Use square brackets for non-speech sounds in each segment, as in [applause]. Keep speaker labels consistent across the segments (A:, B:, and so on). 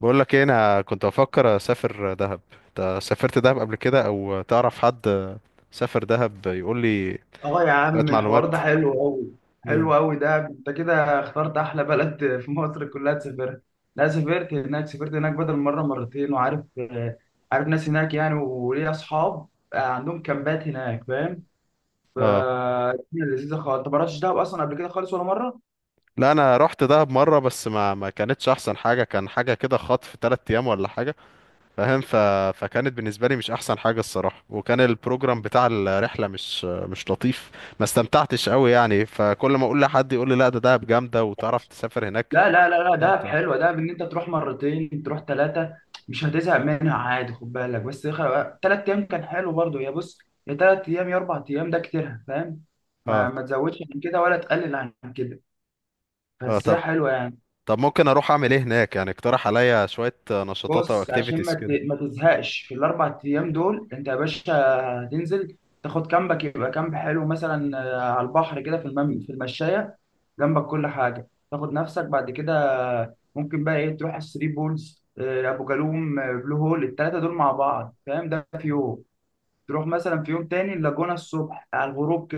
A: بقول لك ايه، انا كنت بفكر اسافر دهب. انت سافرت دهب قبل كده او تعرف حد سافر دهب يقول لي
B: اه يا
A: شويه
B: عم، الحوار
A: معلومات؟
B: ده حلو قوي.
A: امم
B: حلو قوي، ده انت كده اخترت احلى بلد [laughs] في مصر كلها تسافرها. لا، سافرت هناك، سافرت هناك بدل مره مرتين، وعارف عارف ناس هناك يعني، وليا اصحاب عندهم كامبات هناك، فاهم. ف
A: اه،
B: لذيذه خالص. انت ما رحتش دهب اصلا قبل كده خالص ولا مره؟
A: لا انا رحت دهب مره، بس ما كانتش احسن حاجه، كان حاجه كده خطف 3 ايام ولا حاجه فاهم. فكانت بالنسبه لي مش احسن حاجه الصراحه، وكان البروجرام بتاع الرحله مش لطيف. ما استمتعتش قوي يعني، فكل ما اقول لحد يقول لي لا ده دهب جامده وتعرف تسافر هناك
B: لا لا لا لا، دهب
A: استمتع.
B: حلوه. دهب ان انت تروح مرتين، تروح ثلاثه، مش هتزهق منها عادي. خد بالك بس، 3 ايام كان حلو برضو. يا بص، يا 3 ايام يا 4 ايام، ده كتير فاهم. ما
A: اه،
B: ما تزودش عن كده ولا تقلل عن كده،
A: اه،
B: بس
A: طب
B: هي حلوه يعني.
A: طب ممكن اروح اعمل ايه هناك يعني؟ اقترح عليا شوية نشاطات او
B: بص عشان
A: اكتيفيتيز كده.
B: ما تزهقش في ال4 ايام دول، انت يا باشا هتنزل، تاخد كامبك. يبقى كامب حلو مثلا على البحر كده في في المشايه جنبك، كل حاجه. تاخد نفسك بعد كده، ممكن بقى ايه، تروح الثري بولز، ابو جالوم، بلو هول، الثلاثه دول مع بعض فاهم. ده في يوم. تروح مثلا في يوم تاني اللاجونه الصبح على الغروب،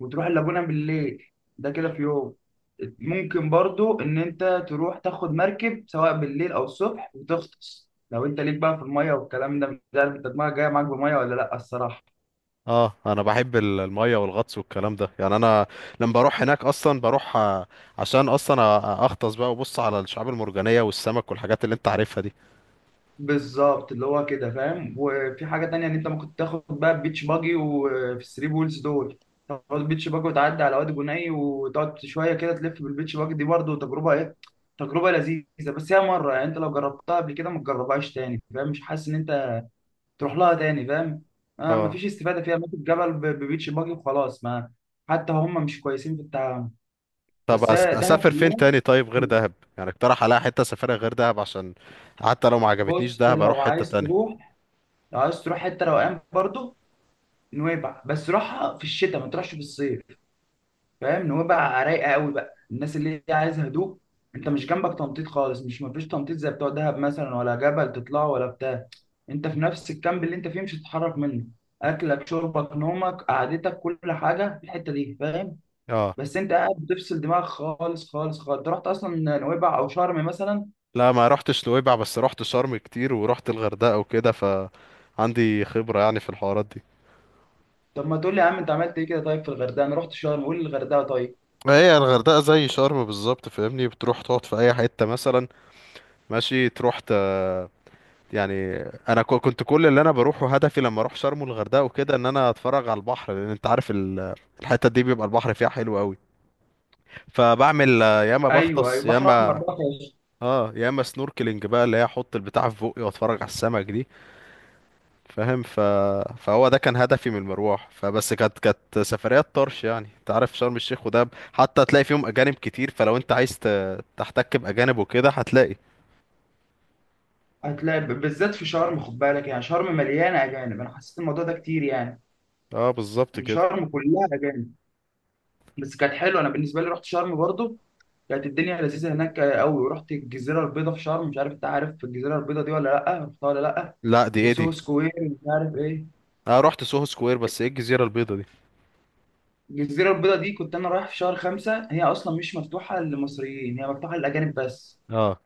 B: وتروح اللاجونة بالليل. ده كده في يوم. ممكن برضو ان انت تروح تاخد مركب سواء بالليل او الصبح، وتغطس لو انت ليك بقى في المية والكلام ده. مش عارف انت دماغك جاية معاك بمية ولا لا، الصراحة.
A: اه، انا بحب المية والغطس والكلام ده يعني. انا لما بروح هناك اصلا بروح عشان اصلا اغطس بقى وبص على الشعاب المرجانية والسمك والحاجات اللي انت عارفها دي.
B: بالظبط، اللي هو كده فاهم. وفي حاجة تانية، ان انت ممكن تاخد بقى بيتش باجي، وفي الثري بولز دول تاخد بيتش باجي وتعدي على وادي جني، وتقعد شوية كده تلف بالبيتش باجي دي. برضو تجربة ايه، تجربة لذيذة. بس هي مرة، يعني انت لو جربتها قبل كده ما تجربهاش تاني فاهم. مش حاسس ان انت تروح لها تاني فاهم. آه،
A: اه
B: مفيش استفاده فيها. ممكن جبل ببيتش باجي وخلاص. ما حتى هم مش كويسين في التعامل.
A: طب،
B: بس هي دهب
A: اسافر فين
B: كلها
A: تاني طيب غير
B: حلوة.
A: دهب؟ يعني اقترح عليا حتة اسافرها غير دهب، عشان حتى لو ما عجبتنيش
B: بص
A: دهب اروح
B: لو
A: حتة
B: عايز
A: تانية.
B: تروح، لو عايز تروح حته روقان برضه، نويبع. بس روحها في الشتاء، ما تروحش في الصيف فاهم. نويبع رايقه قوي بقى، الناس اللي هي عايزه هدوء. انت مش جنبك تنطيط خالص، مش مفيش تنطيط زي بتوع دهب مثلا، ولا جبل تطلعه ولا بتاع. انت في نفس الكامب اللي انت فيه، مش هتتحرك منه. اكلك، شربك، نومك، قعدتك، كل حاجه في الحته دي فاهم.
A: اه،
B: بس انت قاعد بتفصل دماغك خالص خالص خالص. انت رحت اصلا نويبع او شرم مثلا؟
A: لا ما رحتش نويبع، بس رحت شرم كتير ورحت الغردقة وكده، فعندي خبرة يعني في الحوارات دي.
B: طب ما تقول لي يا عم، انت عملت ايه كده طيب في الغردقه؟ انا رحت شرم، قول لي الغردقه طيب.
A: هي الغردقة زي شرم بالظبط فاهمني، بتروح تقعد في أي حتة مثلا ماشي، تروح يعني أنا كنت كل اللي أنا بروحه هدفي لما أروح شرم والغردقة وكده إن أنا أتفرج على البحر، لأن أنت عارف الحتة دي بيبقى البحر فيها حلو أوي. فبعمل يا إما
B: ايوه ايوه،
A: بغطس،
B: بحر احمر بقى خالص.
A: يا إما سنوركلينج بقى، اللي هي أحط البتاع في بقي وأتفرج على السمك دي فاهم. فهو ده كان هدفي من المروح، فبس كانت سفريات طرش يعني. انت عارف شرم الشيخ ودهب حتى هتلاقي فيهم اجانب كتير، فلو انت عايز تحتك باجانب وكده هتلاقي.
B: هتلاقي بالذات في شرم، خد بالك. يعني شرم مليانه اجانب، انا حسيت الموضوع ده كتير يعني.
A: اه بالظبط
B: ان
A: كده.
B: شرم كلها اجانب. بس كانت حلوه، انا بالنسبه لي رحت شرم برضو. كانت الدنيا لذيذه هناك قوي، ورحت الجزيره البيضاء في شرم. مش عارف انت عارف الجزيره البيضاء دي ولا لا، رحتها ولا لا.
A: لا دي ايه
B: وسوهو
A: دي؟
B: سكوير مش عارف ايه.
A: انا رحت سوهو سكوير، بس ايه الجزيره البيضاء دي؟
B: الجزيرة البيضاء دي كنت أنا رايح في شهر 5. هي أصلا مش مفتوحة للمصريين، هي مفتوحة للأجانب بس.
A: اه،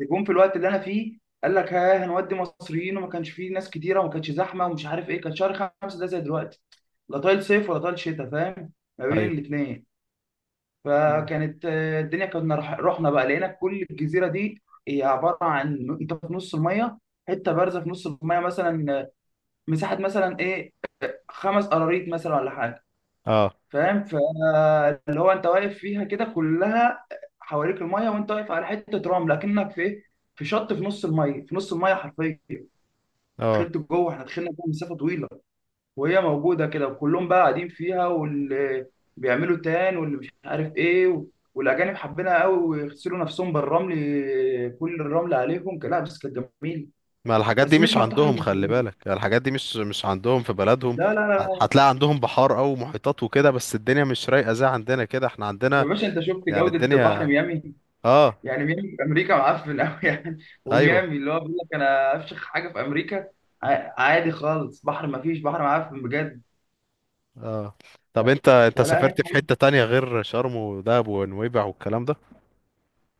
B: جم في الوقت اللي أنا فيه قال لك ها هنودي مصريين، وما كانش فيه ناس كتيرة وما كانش زحمة ومش عارف إيه. كان شهر 5 ده زي دلوقتي، لا طايل صيف ولا طايل شتاء فاهم، ما بين
A: ايوه،
B: الاتنين.
A: مم.
B: فكانت الدنيا. كنا رحنا بقى، لقينا كل الجزيرة دي هي عبارة عن أنت في نص المية. حتة بارزة في نص المية مثلا مساحة مثلا إيه، 5 قراريط مثلا ولا حاجة.
A: اه،
B: فاهم فاللي هو انت واقف فيها كده، كلها حواليك الميه، وانت واقف على حته رمل، لكنك في ايه، في شط في نص الميه، في نص الميه حرفيا.
A: اه،
B: دخلت جوه، احنا دخلنا جوه مسافه طويله، وهي موجوده كده. وكلهم بقى قاعدين فيها، واللي بيعملوا تان واللي مش عارف ايه والاجانب حبينها قوي، ويغسلوا نفسهم بالرمل، كل الرمل عليهم. لا بس كانت جميله.
A: ما الحاجات دي
B: بس مش
A: مش
B: مفتوحه
A: عندهم خلي
B: للمصريين،
A: بالك، يعني الحاجات دي مش عندهم في بلدهم.
B: لا لا لا.
A: هتلاقي عندهم بحار او محيطات وكده، بس الدنيا مش رايقه زي عندنا كده، احنا عندنا
B: يا باشا انت شفت
A: يعني
B: جوده بحر
A: الدنيا.
B: ميامي؟
A: اه،
B: يعني ميامي في امريكا معفن قوي [laughs] يعني.
A: ايوه،
B: وميامي اللي هو بيقول لك انا افشخ حاجه في امريكا، عادي خالص. بحر ما فيش، بحر معفن بجد.
A: طب انت
B: فلا هنا
A: سافرت في
B: حلو.
A: حتة تانية غير شرم ودهب ونويبع والكلام ده؟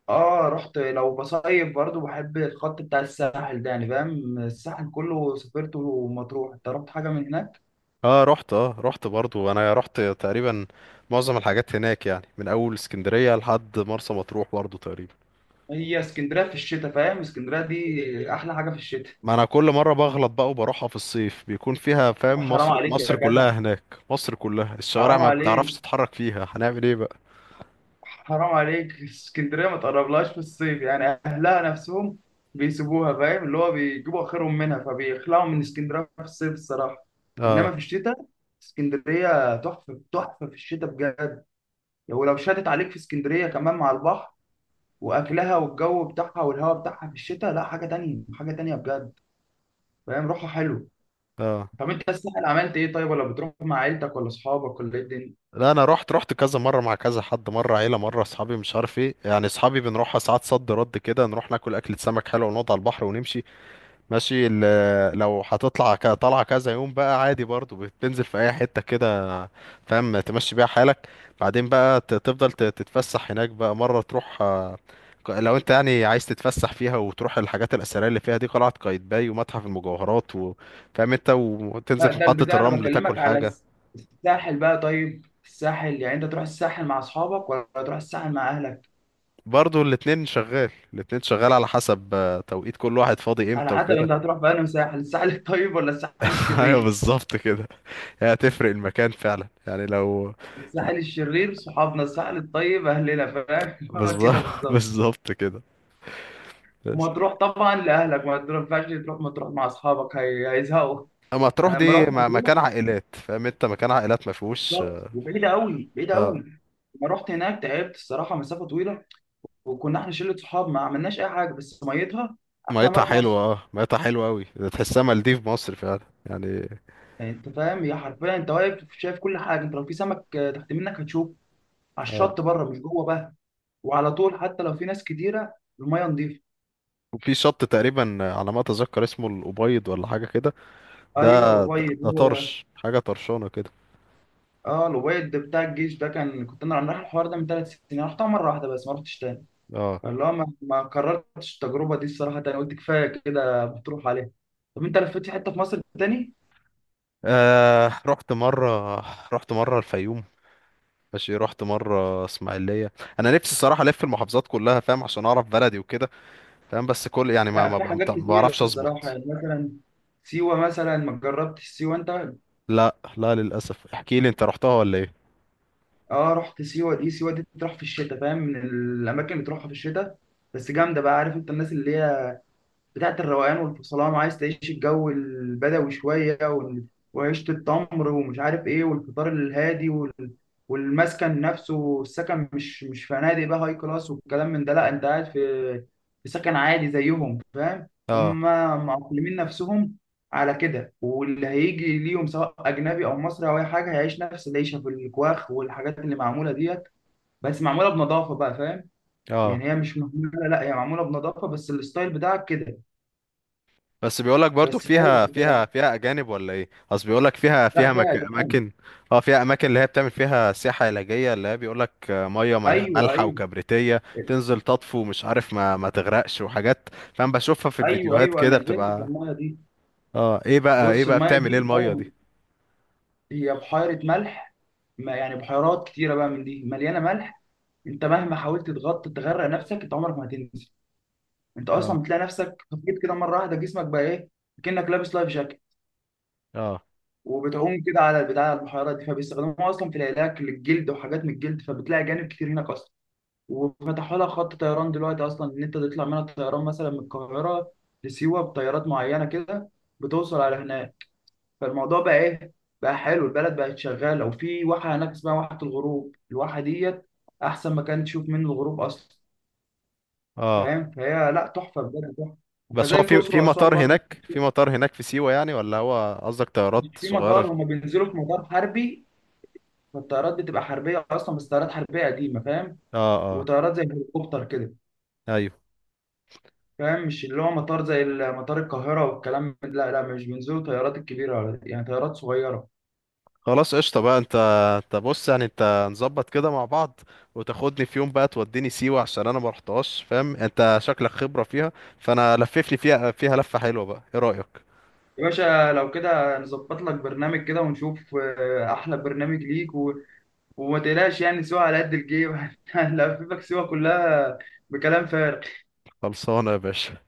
B: اه رحت، لو بصيف برضو بحب الخط بتاع الساحل ده يعني فاهم. الساحل كله سافرته، ومطروح. انت رحت حاجه من هناك؟
A: اه، رحت برضو، انا رحت تقريبا معظم الحاجات هناك يعني، من اول اسكندرية لحد مرسى مطروح برضو تقريبا.
B: هي اسكندريه في الشتاء فاهم، اسكندريه دي احلى حاجه في الشتاء.
A: ما انا كل مرة بغلط بقى وبروحها في الصيف، بيكون فيها فاهم،
B: حرام
A: مصر
B: عليك
A: مصر
B: يا
A: كلها
B: جدع!
A: هناك. مصر كلها الشوارع
B: حرام
A: ما بتعرفش
B: عليك!
A: تتحرك فيها، هنعمل ايه بقى؟
B: حرام عليك، اسكندريه ما تقربلهاش في الصيف، يعني اهلها نفسهم بيسيبوها فاهم. اللي هو بيجيبوا اخرهم منها، فبيخلعوا من اسكندريه في الصيف الصراحه.
A: اه،
B: انما في الشتاء، اسكندريه تحفه تحفه في الشتاء بجد. ولو شدت عليك في اسكندريه، كمان مع البحر واكلها والجو بتاعها والهواء بتاعها في الشتاء، لا حاجه تانية حاجه تانية بجد فاهم. روحها حلو.
A: اه،
B: طب انت الساحل عملت ايه طيب، ولا بتروح مع عيلتك ولا اصحابك ولا ايه الدنيا؟
A: لا انا رحت كذا مره مع كذا حد، مره عيله، مره اصحابي مش عارف ايه يعني. اصحابي بنروحها ساعات صد رد كده، نروح ناكل اكله سمك حلوه ونقعد على البحر ونمشي ماشي. لو هتطلع طلعه كذا يوم بقى عادي، برضو بتنزل في اي حته كده فاهم، تمشي بيها حالك، بعدين بقى تفضل تتفسح هناك بقى مره تروح لو انت يعني عايز تتفسح فيها وتروح الحاجات الاثريه اللي فيها دي، قلعه قايتباي ومتحف المجوهرات وفاهم انت، وتنزل
B: لا
A: في
B: ده
A: محطه
B: البتاع، انا
A: الرمل
B: بكلمك
A: تاكل
B: على
A: حاجه.
B: الساحل بقى. طيب الساحل يعني، انت تروح الساحل مع اصحابك ولا تروح الساحل مع اهلك؟
A: برضو الاتنين شغال، الاتنين شغال، على حسب توقيت كل واحد فاضي
B: على
A: امتى
B: حسب
A: وكده.
B: انت هتروح بقى ساحل، الساحل الطيب ولا الساحل
A: [laughs] ايوه
B: الشرير.
A: بالظبط كده. هي هتفرق المكان فعلا يعني لو.
B: الساحل الشرير صحابنا، الساحل الطيب اهلنا فاهم [laughs] اللي هو
A: بالظبط
B: كده
A: [laughs]
B: بالظبط.
A: بالظبط كده. بس
B: ومطروح طبعا لاهلك، ما ينفعش تروح مطروح مع اصحابك، هيزهقوا.
A: اما تروح
B: انا لما
A: دي
B: رحت
A: مكان
B: مطروح،
A: عائلات فاهم انت، مكان عائلات ما فيهوش.
B: بالظبط، وبعيده قوي بعيده
A: اه،
B: قوي. لما رحت هناك تعبت الصراحه، مسافه طويله. وكنا احنا شله صحاب، ما عملناش اي حاجه، بس ميتها احلى
A: ميتها
B: ما في
A: حلوه،
B: مصر.
A: اه ميتها حلوه قوي، تحسها مالديف مصر فعلا يعني.
B: يعني انت فاهم، هي حرفيا انت واقف شايف كل حاجه. انت لو في سمك تحت منك هتشوفه، على
A: اه،
B: الشط بره مش جوه بقى. وعلى طول حتى لو في ناس كتيره، الميه نظيفه.
A: وفي شط تقريبا على ما اتذكر اسمه الابيض ولا حاجه كده.
B: ايوه
A: ده ده,
B: الابيض
A: ده
B: هو ده.
A: طرش، حاجه طرشانه كده.
B: اه الابيض ده بتاع الجيش ده. كان كنت انا رايح الحوار ده من 3 سنين، رحتها مره واحده بس ما رحتش تاني.
A: اه،
B: فاللي هو ما كررتش التجربه دي الصراحه تاني، قلت كفايه كده بتروح عليها. طب انت لفيت في حته في مصر تاني؟
A: آه رحت مرة، رحت مرة الفيوم ماشي، رحت مرة اسماعيلية. انا نفسي الصراحة الف المحافظات كلها فاهم، عشان اعرف بلدي وكده فاهم، بس كل يعني
B: لا في حاجات
A: ما
B: كتيره
A: بعرفش
B: الصراحه
A: اظبط.
B: يعني، مثلا سيوه مثلا ما جربتش سيوه انت؟
A: لا، لا، للاسف، احكي لي انت رحتها ولا ايه؟
B: اه رحت سيوه دي. سيوه دي بتروح في الشتاء فاهم، من الاماكن اللي بتروحها في الشتاء. بس جامده بقى. عارف انت الناس اللي هي بتاعت الروقان والفصلان، وعايز تعيش الجو البدوي شوية وعيشة التمر ومش عارف ايه، والفطار الهادي والمسكن نفسه، السكن مش مش فنادق بقى هاي كلاس والكلام من ده، لا انت قاعد في في سكن عادي زيهم فاهم.
A: اه،
B: هم معقلمين نفسهم على كده، واللي هيجي ليهم سواء اجنبي او مصري او اي حاجه هيعيش نفس العيشه في الكواخ والحاجات اللي معموله ديت. بس معموله بنظافه بقى فاهم.
A: اه،
B: يعني هي مش مهمله، لا هي معموله بنظافه، بس الستايل بتاعك كده.
A: بس بيقولك برضو
B: بس حلو
A: فيها، فيها
B: بصراحه.
A: فيها اجانب ولا ايه؟ اصل بيقولك فيها،
B: لا فيها دم.
A: اماكن. اه، فيها اماكن اللي هي بتعمل فيها سياحة علاجية اللي هي بيقولك مية
B: ايوه
A: مالحة
B: ايوه.
A: وكبريتية، تنزل تطفو مش عارف ما تغرقش وحاجات فاهم، بشوفها في
B: ايوه
A: الفيديوهات
B: ايوه.
A: كده
B: انا نزلت في
A: بتبقى.
B: المايه دي.
A: اه، ايه بقى ايه
B: بص
A: بقى
B: المايه
A: بتعمل ايه
B: دي
A: المية دي؟
B: هي بحيره ملح، ما يعني بحيرات كتيره بقى من دي مليانه ملح. انت مهما حاولت تغطي تغرق نفسك، انت عمرك ما هتنزل. انت
A: اه،
B: اصلا بتلاقي نفسك خفيت كده مره واحده، جسمك بقى ايه، كأنك لابس لايف جاكيت.
A: اه،
B: وبتعوم كده على البتاع، على البحيرات دي. فبيستخدموها اصلا في العلاج للجلد وحاجات من الجلد، فبتلاقي جانب كتير هناك اصلا. وفتحوا لها خط طيران دلوقتي اصلا، ان انت تطلع منها طيران مثلا من القاهره لسيوه بطيارات معينه كده، بتوصل على هناك. فالموضوع بقى ايه، بقى حلو البلد، بقت شغاله. وفي واحه هناك اسمها واحه الغروب، الواحه ديت احسن مكان تشوف منه الغروب اصلا
A: اه،
B: فاهم. فهي لا تحفه بجد، تحفه.
A: بس هو
B: وكذلك
A: في
B: الاقصر
A: في
B: واسوان
A: مطار
B: برضو.
A: هناك، في سيوة يعني، ولا هو قصدك طيارات
B: مش في
A: صغيرة؟
B: مطار، هما بينزلوا في مطار حربي. فالطيارات بتبقى حربيه اصلا، بس طيارات حربيه قديمه فاهم.
A: اه، اه،
B: وطيارات زي الهليكوبتر كده.
A: ايوه،
B: فاهم مش اللي هو مطار زي مطار القاهرة والكلام لا لا، مش بينزلوا طيارات الكبيرة يعني طيارات صغيرة.
A: خلاص قشطة بقى. انت بص يعني انت نظبط كده مع بعض، وتاخدني في يوم بقى توديني سيوة عشان انا ما رحتهاش، فاهم انت شكلك خبرة فيها. فانا لففني فيها لفة حلوة، بقى ايه رأيك؟
B: يا باشا لو كده نظبط لك برنامج كده ونشوف أحلى برنامج ليك وما تقلقش يعني، سوا على قد الجيب [laughs] هنلففك سوا كلها بكلام فارغ.
A: خلصانة يا باشا.